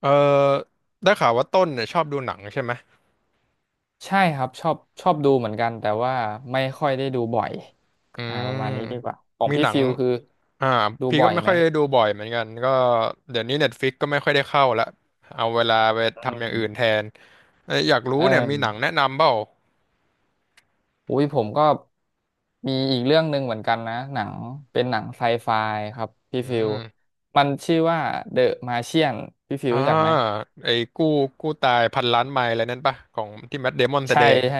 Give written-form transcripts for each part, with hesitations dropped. เออได้ข่าวว่าต้นเนี่ยชอบดูหนังใช่ไหมใช่ครับชอบดูเหมือนกันแต่ว่าไม่ค่อยได้ดูบ่อยอืประมาณนี้ดีกว่ามของมีพี่หนังฟิลคืออ่าดูพี่บ่ก็อยไม่ไหค่มอยได้ดูบ่อยเหมือนกันก็เดี๋ยวนี้เน็ตฟิกก็ไม่ค่อยได้เข้าละเอาเวลาไปอืทำอย่างมอื่นแทนเอ้ยอยากรู้เออเนี่ยมีหนังแนะนำเปล่าอุ้ยผมก็มีอีกเรื่องหนึ่งเหมือนกันนะหนังเป็นหนังไซไฟครับพี่อืฟิวมมันชื่อว่า The Martian พี่ฟิวอ่ารู้จักไหมไอ้กู้ตายพันล้านไมล์อะไรนั่นปะของที่แมทเดมอนแสใช่ดงใช่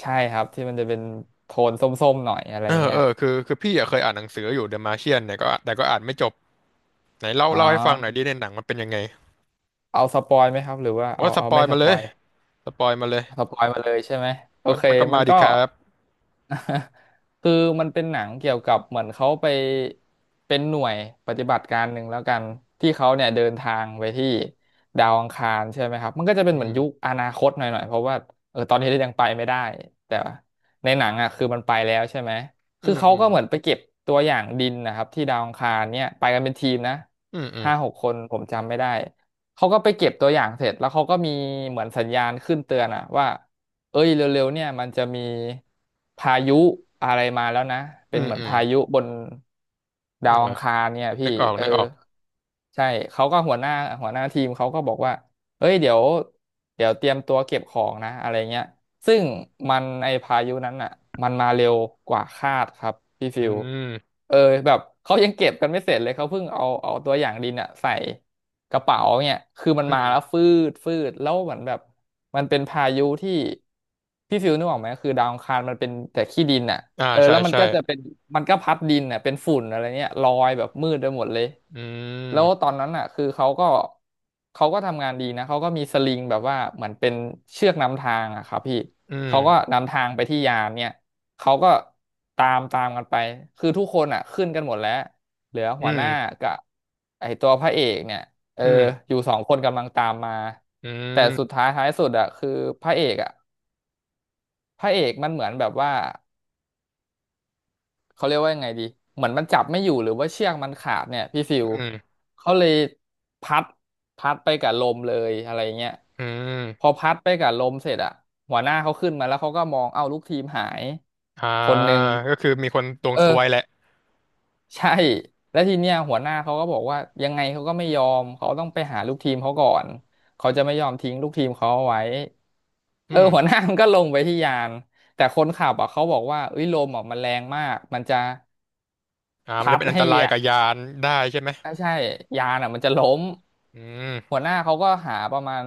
ใช่ครับที่มันจะเป็นโทนส้มๆหน่อยอะไรเออย่างอเงี้เอยอคือพี่อะเคยอ่านหนังสืออยู่เดอะมาเชียนเนี่ยก็แต่ก็อ่านไม่จบไหนเล่าอ๋เล่าให้ฟังหน่อยอดิในหนังมันเป็นยังไงเอาสปอยไหมครับหรือว่าโอ้สเอาปอไม่ยสมาปเลอยย สปอยมาเลยสปอยมาเลยใช่ไหมโอมันเคมันก็มัมานดิก็ ครับ คือมันเป็นหนังเกี่ยวกับเหมือนเขาไปเป็นหน่วยปฏิบัติการหนึ่งแล้วกันที่เขาเนี่ยเดินทางไปที่ดาวอังคารใช่ไหมครับมันก็จะเป็อืนเหมือนมยุคอนาคตหน่อยๆเพราะว่าเออตอนนี้ยังไปไม่ได้แต่ว่าในหนังอ่ะคือมันไปแล้วใช่ไหมอืคือมเขาอืมก็เหมือนไปเก็บตัวอย่างดินนะครับที่ดาวอังคารเนี่ยไปกันเป็นทีมนะอืมอืมห้าหกคนผมจำไม่ได้ เขาก็ไปเก็บตัวอย่างเสร็จแล้วเขาก็มีเหมือนสัญญาณขึ้นเตือนอะว่าเอ้ยเร็วๆเนี่ยมันจะมีพายุอะไรมาแล้วนะเป็อืนมเหมือนอืมพายุบนอืดามวอัอ่ะงคารเนี่ยพี่นึกออกเออนึกออกใช่เขาก็หัวหน้าทีมเขาก็บอกว่าเอ้ยเดี๋ยวเตรียมตัวเก็บของนะอะไรเงี้ยซึ่งมันไอพายุนั้นอ่ะมันมาเร็วกว่าคาดครับพี่ฟิอืวมเออแบบเขายังเก็บกันไม่เสร็จเลยเขาเพิ่งเอาตัวอย่างดินอ่ะใส่ กระเป๋าเนี่ยคือมันอืมาแล้มวฟืดฟืดแล้วเหมือนแบบมันเป็นพายุที่พี่ฟิลนึกออกไหมคือดาวอังคารมันเป็นแต่ขี้ดินอ่ะอ่าเออใช่แล้วมันใช่ก็จะเป็นมันก็พัดดินอ่ะเป็นฝุ่นอะไรเนี่ยลอยแบบมืดไปหมดเลยอืแล้วตอมนนั้นอ่ะคือเขาก็ทำงานดีนะเขาก็มีสลิงแบบว่าเหมือนเป็นเชือกนำทางอ่ะครับพี่อืเขาก็มนำทางไปที่ยานเนี่ยเขาก็ตามกันไปคือทุกคนอ่ะขึ้นกันหมดแล้วเหลืออืหัวหน้ามกับไอตัวพระเอกเนี่ย เอออืมอยู่สองคนกำลังตามมาอืแต่สุดมท้ายท้ายสุดอะคือพระเอกอะพระเอกมันเหมือนแบบว่าเขาเรียกว่ายังไงดีเหมือนมันจับไม่อยู่หรือว่าเชือกมันขาดเนี่ยพี่ฟิวอืมเขาเลยพัดไปกับลมเลยอะไรเงี้ยอืพมอพัดไปกับลมเสร็จอะหัวหน้าเขาขึ้นมาแล้วเขาก็มองเอ้าลูกทีมหายอ่าคนหนึ่งก็คือมีคนดวงเอซอ วยแหละใช่แล้วทีเนี้ยหัวหน้าเขาก็บอกว่ายังไงเขาก็ไม่ยอมเขาต้องไปหาลูกทีมเขาก่อนเขาจะไม่ยอมทิ้งลูกทีมเขาเอาไว้อืเออมหัวหน้ามันก็ลงไปที่ยานแต่คนขับอ่ะเขาบอกว่าเอ้ยลมอ่ะมันแรงมากมันจะอ่ามันพัจะดเป็นอันตให้รายอ่ะกับยานได้ใช่ไหมอ่ะใช่ยานอ่ะมันจะล้มอืมหัวหน้าเขาก็หาประมาณ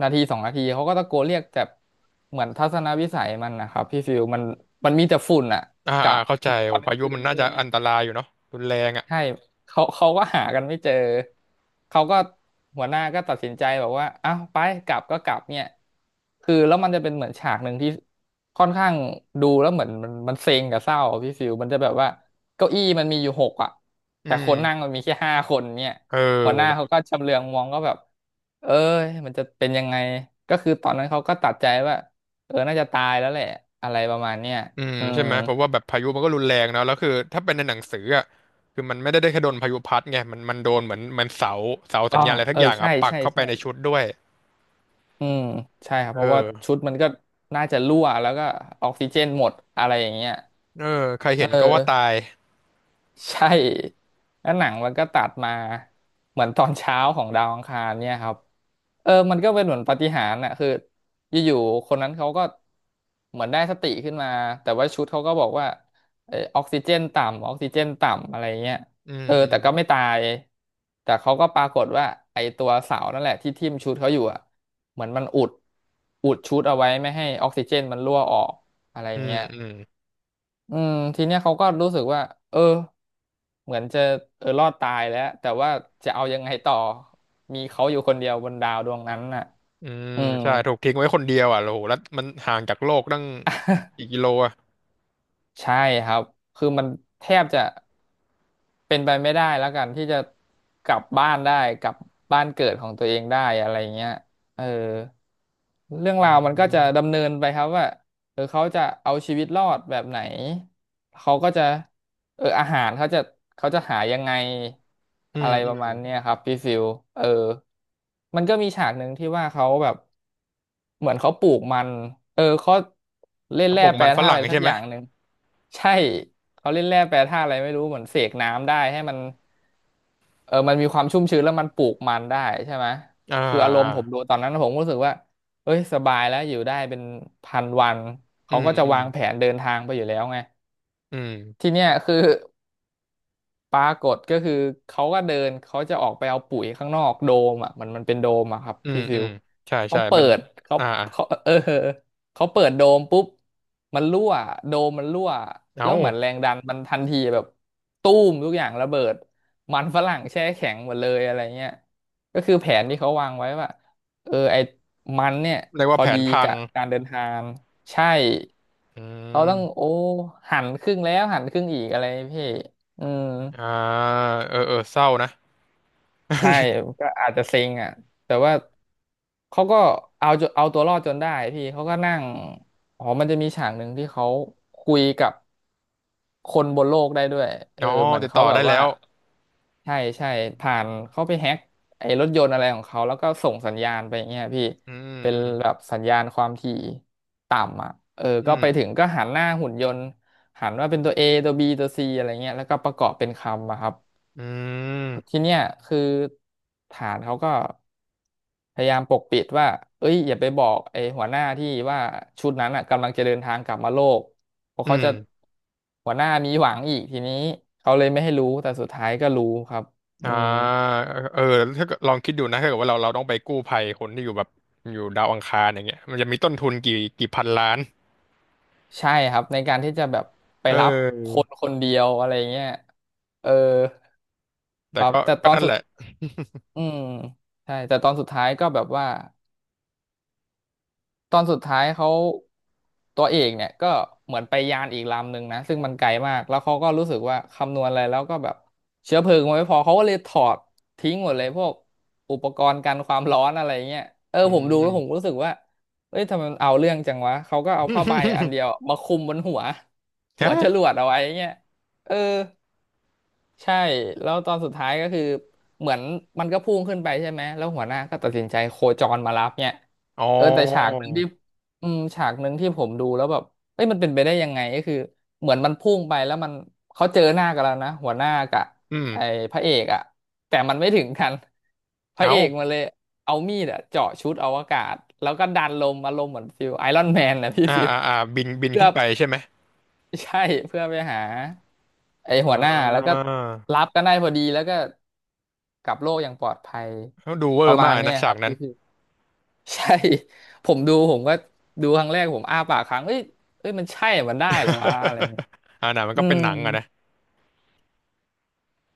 นาทีสองนาทีเขาก็ตะโกนเรียกแต่เหมือนทัศนวิสัยมันนะครับพี่ฟิวมันมีแต่ฝุ่นอ่ะอ่ากะอ่าเข้าใจมันตโอ้อนกพาลางยุคืมันนด้น่าวยจะเนี่อัย นตรายอยู่เนาะรุนแรงอ่ะใช่เขาก็หากันไม่เจอเขาก็หัวหน้าก็ตัดสินใจบอกว่าอ้าวไปกลับก็กลับเนี่ยคือแล้วมันจะเป็นเหมือนฉากหนึ่งที่ค่อนข้างดูแล้วเหมือนมันเซ็งกับเศร้าอะพี่ฟิวมันจะแบบว่าเก้าอี้มันมีอยู่หกอ่ะอืแต่คนนั่งมมันมีแค่ห้าคนเนี่ยเอหัวหน้าเขาอ ก็ชำเลืองมองก็แบบเอ้ยมันจะเป็นยังไงก็คือตอนนั้นเขาก็ตัดใจว่าเออน่าจะตายแล้วแหละอะไรประมาณเนี้ยอืมอืใช่มไหมเพราะว่าแบบพายุมันก็รุนแรงเนอะแล้วคือถ้าเป็นในหนังสืออ่ะคือมันไม่ได้ได้แค่โดนพายุพัดไงมันมันโดนเหมือนมันเสาอ๋สัอญญาณอะไรทัเอกออย่างใช่อ่ะปักใช่เข้าไปใช่ ในชุดด้วยอืมใช่ครับเอเพราะว่าอชุดมันก็น่าจะรั่วแล้วก็ออกซิเจนหมดอะไรอย่างเงี้ยเออใครเห็เอนก็ว่าตาอ ยใช่แล้วหนังมันก็ตัดมาเหมือนตอนเช้าของดาวอังคารเนี่ยครับเออมันก็เป็นเหมือนปาฏิหาริย์น่ะคืออยู่ๆคนนั้นเขาก็เหมือนได้สติขึ้นมาแต่ว่าชุดเขาก็บอกว่าเออออกซิเจนต่ำอะไรเงี้ยอืเออแต่ก็ไม่มตายแต่เขาก็ปรากฏว่าไอตัวเสานั่นแหละที่ทิ่มชุดเขาอยู่อ่ะเหมือนมันอุดชุดเอาไว้ไม่ให้ออกซิเจนมันรั่วออกอะไรอืมเงี้ยอืมอืมอืมทีเนี้ยเขาก็รู้สึกว่าเออ เหมือนจะรอดตายแล้วแต่ว่าจะเอายังไงต่อมีเขาอยู่คนเดียวบนดาวดวงนั้นน่ะอืมอืมใช่ถูกทิ้งไว้คนเดียวอ่ะโอ้โหแล้วมันห่างจากโลกตั้งกิโลอ่ะใช่ครับคือมันแทบจะเป็นไปไม่ได้แล้วกันที่จะกลับบ้านได้กลับบ้านเกิดของตัวเองได้อะไรเงี้ยเออเรื่องอืราวมันก็มจะดำเนินไปครับว่าเขาจะเอาชีวิตรอดแบบไหนเขาก็จะ อาหารเขาจะหายังไงอือะมไรอืปมระมาณเนี้ยครับพี่ฟิลเออมันก็มีฉากหนึ่งที่ว่าเขาแบบเหมือนเขาปลูกมันเขาเล่นกระแร่ปกแปรมันฝธาตุรั่อะงไรสัใช่กไหอมย่างหนึ่งใช่เขาเล่นแร่แปรธาตุอะไรไม่รู้เหมือนเสกน้ำได้ให้มันมันมีความชุ่มชื้นแล้วมันปลูกมันได้ใช่ไหมอ่าคืออารมอ่าณ์ผมดูตอนนั้นผมก็รู้สึกว่าเอ้ยสบายแล้วอยู่ได้เป็นพันวันอืเขามก็จะอืมวางแผนเดินทางไปอยู่แล้วไงอืมทีเนี้ยคือ ปรากฏก็คือเขาก็เดินเขาจะออกไปเอาปุ๋ยข้างนอกโดมอ่ะมันเป็นโดมอ่ะครับอืมพี่ฟิอืวมใช่เขาใช่เปิเป็นดเขาอ่าอ่าเขาเขาเปิดโดมปุ๊บมันรั่วโดมมันรั่วเอ้าแล้วเหมือนแรงดันมันทันทีแบบตู้มทุกอย่างระเบิดมันฝรั่งแช่แข็งหมดเลยอะไรเงี้ยก็คือแผนที่เขาวางไว้ว่าไอ้มันเนี่ยเรียกพว่าอแผดีนพัง กับการเดินทางใช่อืเขาต้องโอ้มหันครึ่งแล้วหันครึ่งอีกอะไรพี่อืม อ่าเออเออเศร้านะ ใช่ ก็อาจจะเซ็งอ่ะแต่ว่าเขาก็เอาตัวรอดจนได้พี่เขาก็นั่งอ๋อมันจะมีฉากหนึ่งที่เขาคุยกับคนบนโลกได้ด้วยอ๋อเหมือนติดต่เขาอแบได้บแล้ว่าวใช่ใช่ผ่านเขาไปแฮ็กไอ้รถยนต์อะไรของเขาแล้วก็ส่งสัญญาณไปอย่างเงี้ยพี่อืมเป็นอืมแบบสัญญาณความถี่ต่ำอ่ะเอออืก็ไปถึงมก็หันหน้าหุ่นยนต์หันว่าเป็นตัว A ตัว B ตัว C อะไรเงี้ยแล้วก็ประกอบเป็นคำอะครับ อืมทีเนี้ยคือฐานเขาก็พยายามปกปิดว่าเอ้ยอย่าไปบอกไอ้หัวหน้าที่ว่าชุดนั้นอ่ะกำลังจะเดินทางกลับมาโลกเพราะอืเขามจะหัวหน้ามีหวังอีกทีนี้เขาเลยไม่ให้รู้แต่สุดท้ายก็รู้ครับอือ่มาเออถ้าเกิดลองคิดดูนะถ้าเกิดว่าเราต้องไปกู้ภัยคนที่อยู่แบบอยู่ดาวอังคารอย่างเงี้ยมันจะมีต้นทุนกี่พันล้านใช่ครับในการที่จะแบบไปเอรับคอนคนเดียวอะไรเงี้ยเออคแต่รับแต่ตก็อนนั่นสุแหดละอืมใช่แต่ตอนสุดท้ายก็แบบว่า ตอนสุดท้ายเขาตัวเอกเนี่ยก็เหมือนไปยานอีกลำหนึ่งนะซึ่งมันไกลมากแล้วเขาก็รู้สึกว่าคำนวณอะไรแล้วก็แบบเชื้อเพลิงมันไม่พอเขาก็เลยถอดทิ้งหมดเลยพวกอุปกรณ์กันความร้อนอะไรเงี้ยอืผมดูแล้วผมม รู้สึกว่าเอ้ยทำไมมันเอาเรื่องจังวะเขาก็เอาผ้าใบอันเดียว มาคลุมบนหัว หัฮะวจรวดเอาไว้เงี้ยเออ ใช่แล้วตอนสุดท้ายก็คือเหมือนมันก็พุ่งขึ้นไปใช่ไหมแล้วหัวหน้าก็ตัดสินใจโคจรมารับเนี่ยอ๋อแต่ฉากหนึ่งที่อืมฉากหนึ่งที่ผมดูแล้วแบบเอ้ยมันเป็นไปได้ยังไงก็คือเหมือนมันพุ่งไปแล้วมันเขาเจอหน้ากันแล้วนะหัวหน้ากับอืไอ้มพระเอกอะแต่มันไม่ถึงกันพระเอาเอกมาเลยเอามีดอะเจาะชุดอวกาศแล้วก็ดันลมอารมณ์เหมือนฟิลไอรอนแมนนะ พี่อ่าฟิลอ่าอ่าบินบินเพื่ขึ้อนไปใช่ไหมใช่เพื่อไปหา ไออ่หัวหน้าแล้วก็ารับกันได้พอดีแล้วก็กลับโลกอย่างปลอดภัยเขาดูเวปอระร์มามากณเนี้นะยคฉารักบนั้น พี่ พี่ใช่ ผมดูผมก็ดูครั้งแรกผมอ้าปากค้างเอ้ยมันใช่เหรอมันได้เหรอวะอะไรเงี้ย อ่าหนังมันอืก็เป็นมหนังอะนะ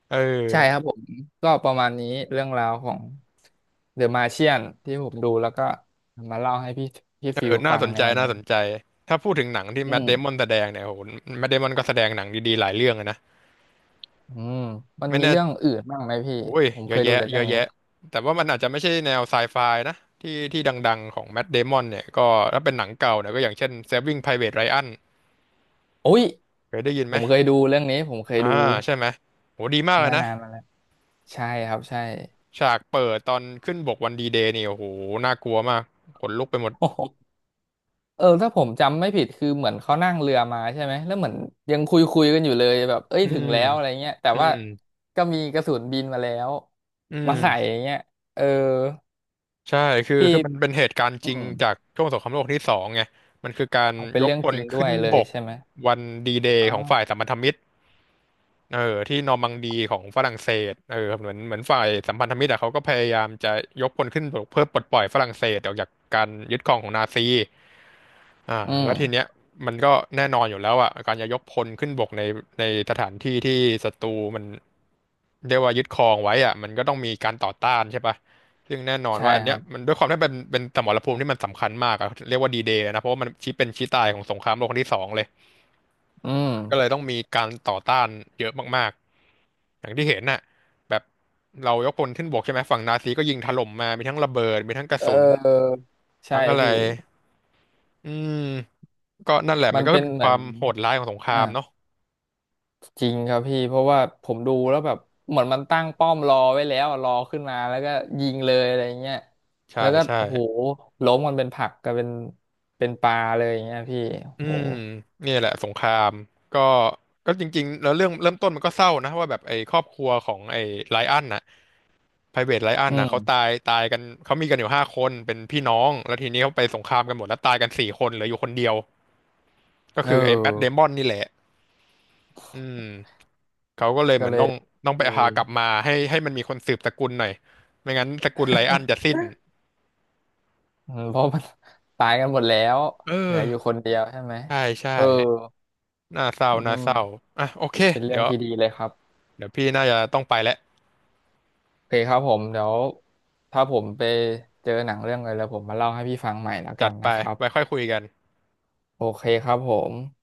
เอใช่ครัอบผมก็ประมาณนี้เรื่องราวของเดอะมาเชียนที่ผมดูแล้วก็มาเล่าให้พี่พี่เอฟิอลน่าฟัสงนในใจวันน่านี้สนใจถ้าพูดถึงหนังที่อืแมทมเดมอนแสดงเนี่ยโหแมทเดมอนก็แสดงหนังดีๆหลายเรื่องอะนะอืมมันไม่มีแน่เรื่องอื่นบ้างไหมพี่โอ้ยผมเยเคอะยดูแยะแต่เยเรื่องอะนี้แยะแต่ว่ามันอาจจะไม่ใช่แนวไซไฟนะที่ที่ดังๆของแมทเดมอนเนี่ยก็ถ้าเป็นหนังเก่าเนี่ยก็อย่างเช่น Saving Private Ryan โอ้ยเคยได้ยินผไหมมเคยดูเรื่องนี้ผมเคยอ่าดูใช่ไหมโหดีมากเลเมื่ยอนะนานมาแล้ว ใช่ครับใช่ ฉากเปิดตอนขึ้นบกวันดีเดย์นี่โอ้โหน่ากลัวมากขนลุกไปหมด โอ้โหเออถ้าผมจำไม่ผิดคือเหมือนเขานั่งเรือมาใช่ไหมแล้วเหมือนยังคุยกันอยู่เลยแบบเอ้ยอืถึงมแล้วอะไรเงี้ยแต่อืว่ามก็มีกระสุนบินมาแล้วอืมาใส่ม อย่างเงี้ยเออใช่คือพี่คือมันเป็นเหตุการณ์อืจริงมจากช่วงสงครามโลกที่สองไงมันคือการเอาเป็ยนกเรื่องพจลริงด้ขึ้วนยเลบยกใช่ไหมวันดีเดอ๋ย์ของฝ่ายอสัมพันธมิตร เออที่นอร์มังดีของฝรั่งเศสเออเหมือนฝ่ายสัมพันธมิตรอะเขาก็พยายามจะยกพลขึ้นปกเพื่อปลดปล่อยฝรั่งเศสออกจากการยึดครองของนาซีอ่าอืแล้วทีเนี้มยมันก็แน่นอนอยู่แล้วอะการจะยกพลขึ้นบกในสถานที่ที่ศัตรูมันเรียกว่ายึดครองไว้อะมันก็ต้องมีการต่อต้านใช่ปะซึ่งแน่นอนใช่ว่าอันคเนี้รัยบมันด้วยความที่เป็นสมรภูมิที่มันสำคัญมากอะเรียกว่าดีเดย์นะเพราะว่ามันชี้เป็นชี้ตายของสงครามโลกครั้งที่สองเลย อืก็เลยมต้องมีการต่อต้านเยอะมากๆ อย่างที่เห็นน่ะแบบเรายกพลขึ้นบกใช่ไหม ฝั่งนาซีก็ยิงถล่มมามีทั้งระเบิดมีทั้งกระเสุนออใช่ทั้งอะไร พี่อืม ก็นั่นแหละมัมันนก็เป็นเป็นเหคมือวานมโหดร้ายของสงครามอ่า เนาะจริงครับพี่เพราะว่าผมดูแล้วแบบเหมือนมันตั้งป้อมรอไว้แล้วอะรอขึ้นมาแล้วก็ยิงเลยอะไรเงี้ยใช่แล้วก็ใช่โอ้โหล้มมันเป็นผักกลายเป็นเป็นปลาเลยอย่างเงี้ยพี่โอ้อืโหมเนี่ยแหละสงครามก็ก็จริงๆแล้วเรื่องเริ่มต้นมันก็เศร้านะว่าแบบไอ้ครอบครัวของไอ้ไลอ้อนน่ะไพรเวทไลอ้อนอืน่ะเขามตายกันเขามีกันอยู่ห้าคนเป็นพี่น้องแล้วทีนี้เขาไปสงครามกันหมดแล้วตายกันสี่คนเหลืออยู่คนเดียว ก็เออคือไอ้แมทเดมอนนี่แหละอืมเขาก็เลยก็เหมือเลนยต้องเลไปหายกลับมาให้มันมีคนสืบสกุลหน่อยไม่งั้นสกุลไลอันจะสิ้น อืมเพราะมัน ตายกันหมดแล้วเออเหลืออยู่คนเดียวใช่ไหมใช่ใช่เออน่าเศร้าอืน่าเศร้ามอ่ะโอเคเป็นเรื่เดี๋องยวที่ดีเลยครับเดี๋ยวพี่น่าจะต้องไปแล้วโอเคครับผมเดี๋ยวถ้าผมไปเจอหนังเรื่องอะไรแล้วผมมาเล่าให้พี่ฟังใหม่แล้วกัจัดนไปนะครับไว้ค่อยคุยกันโอเคครับผม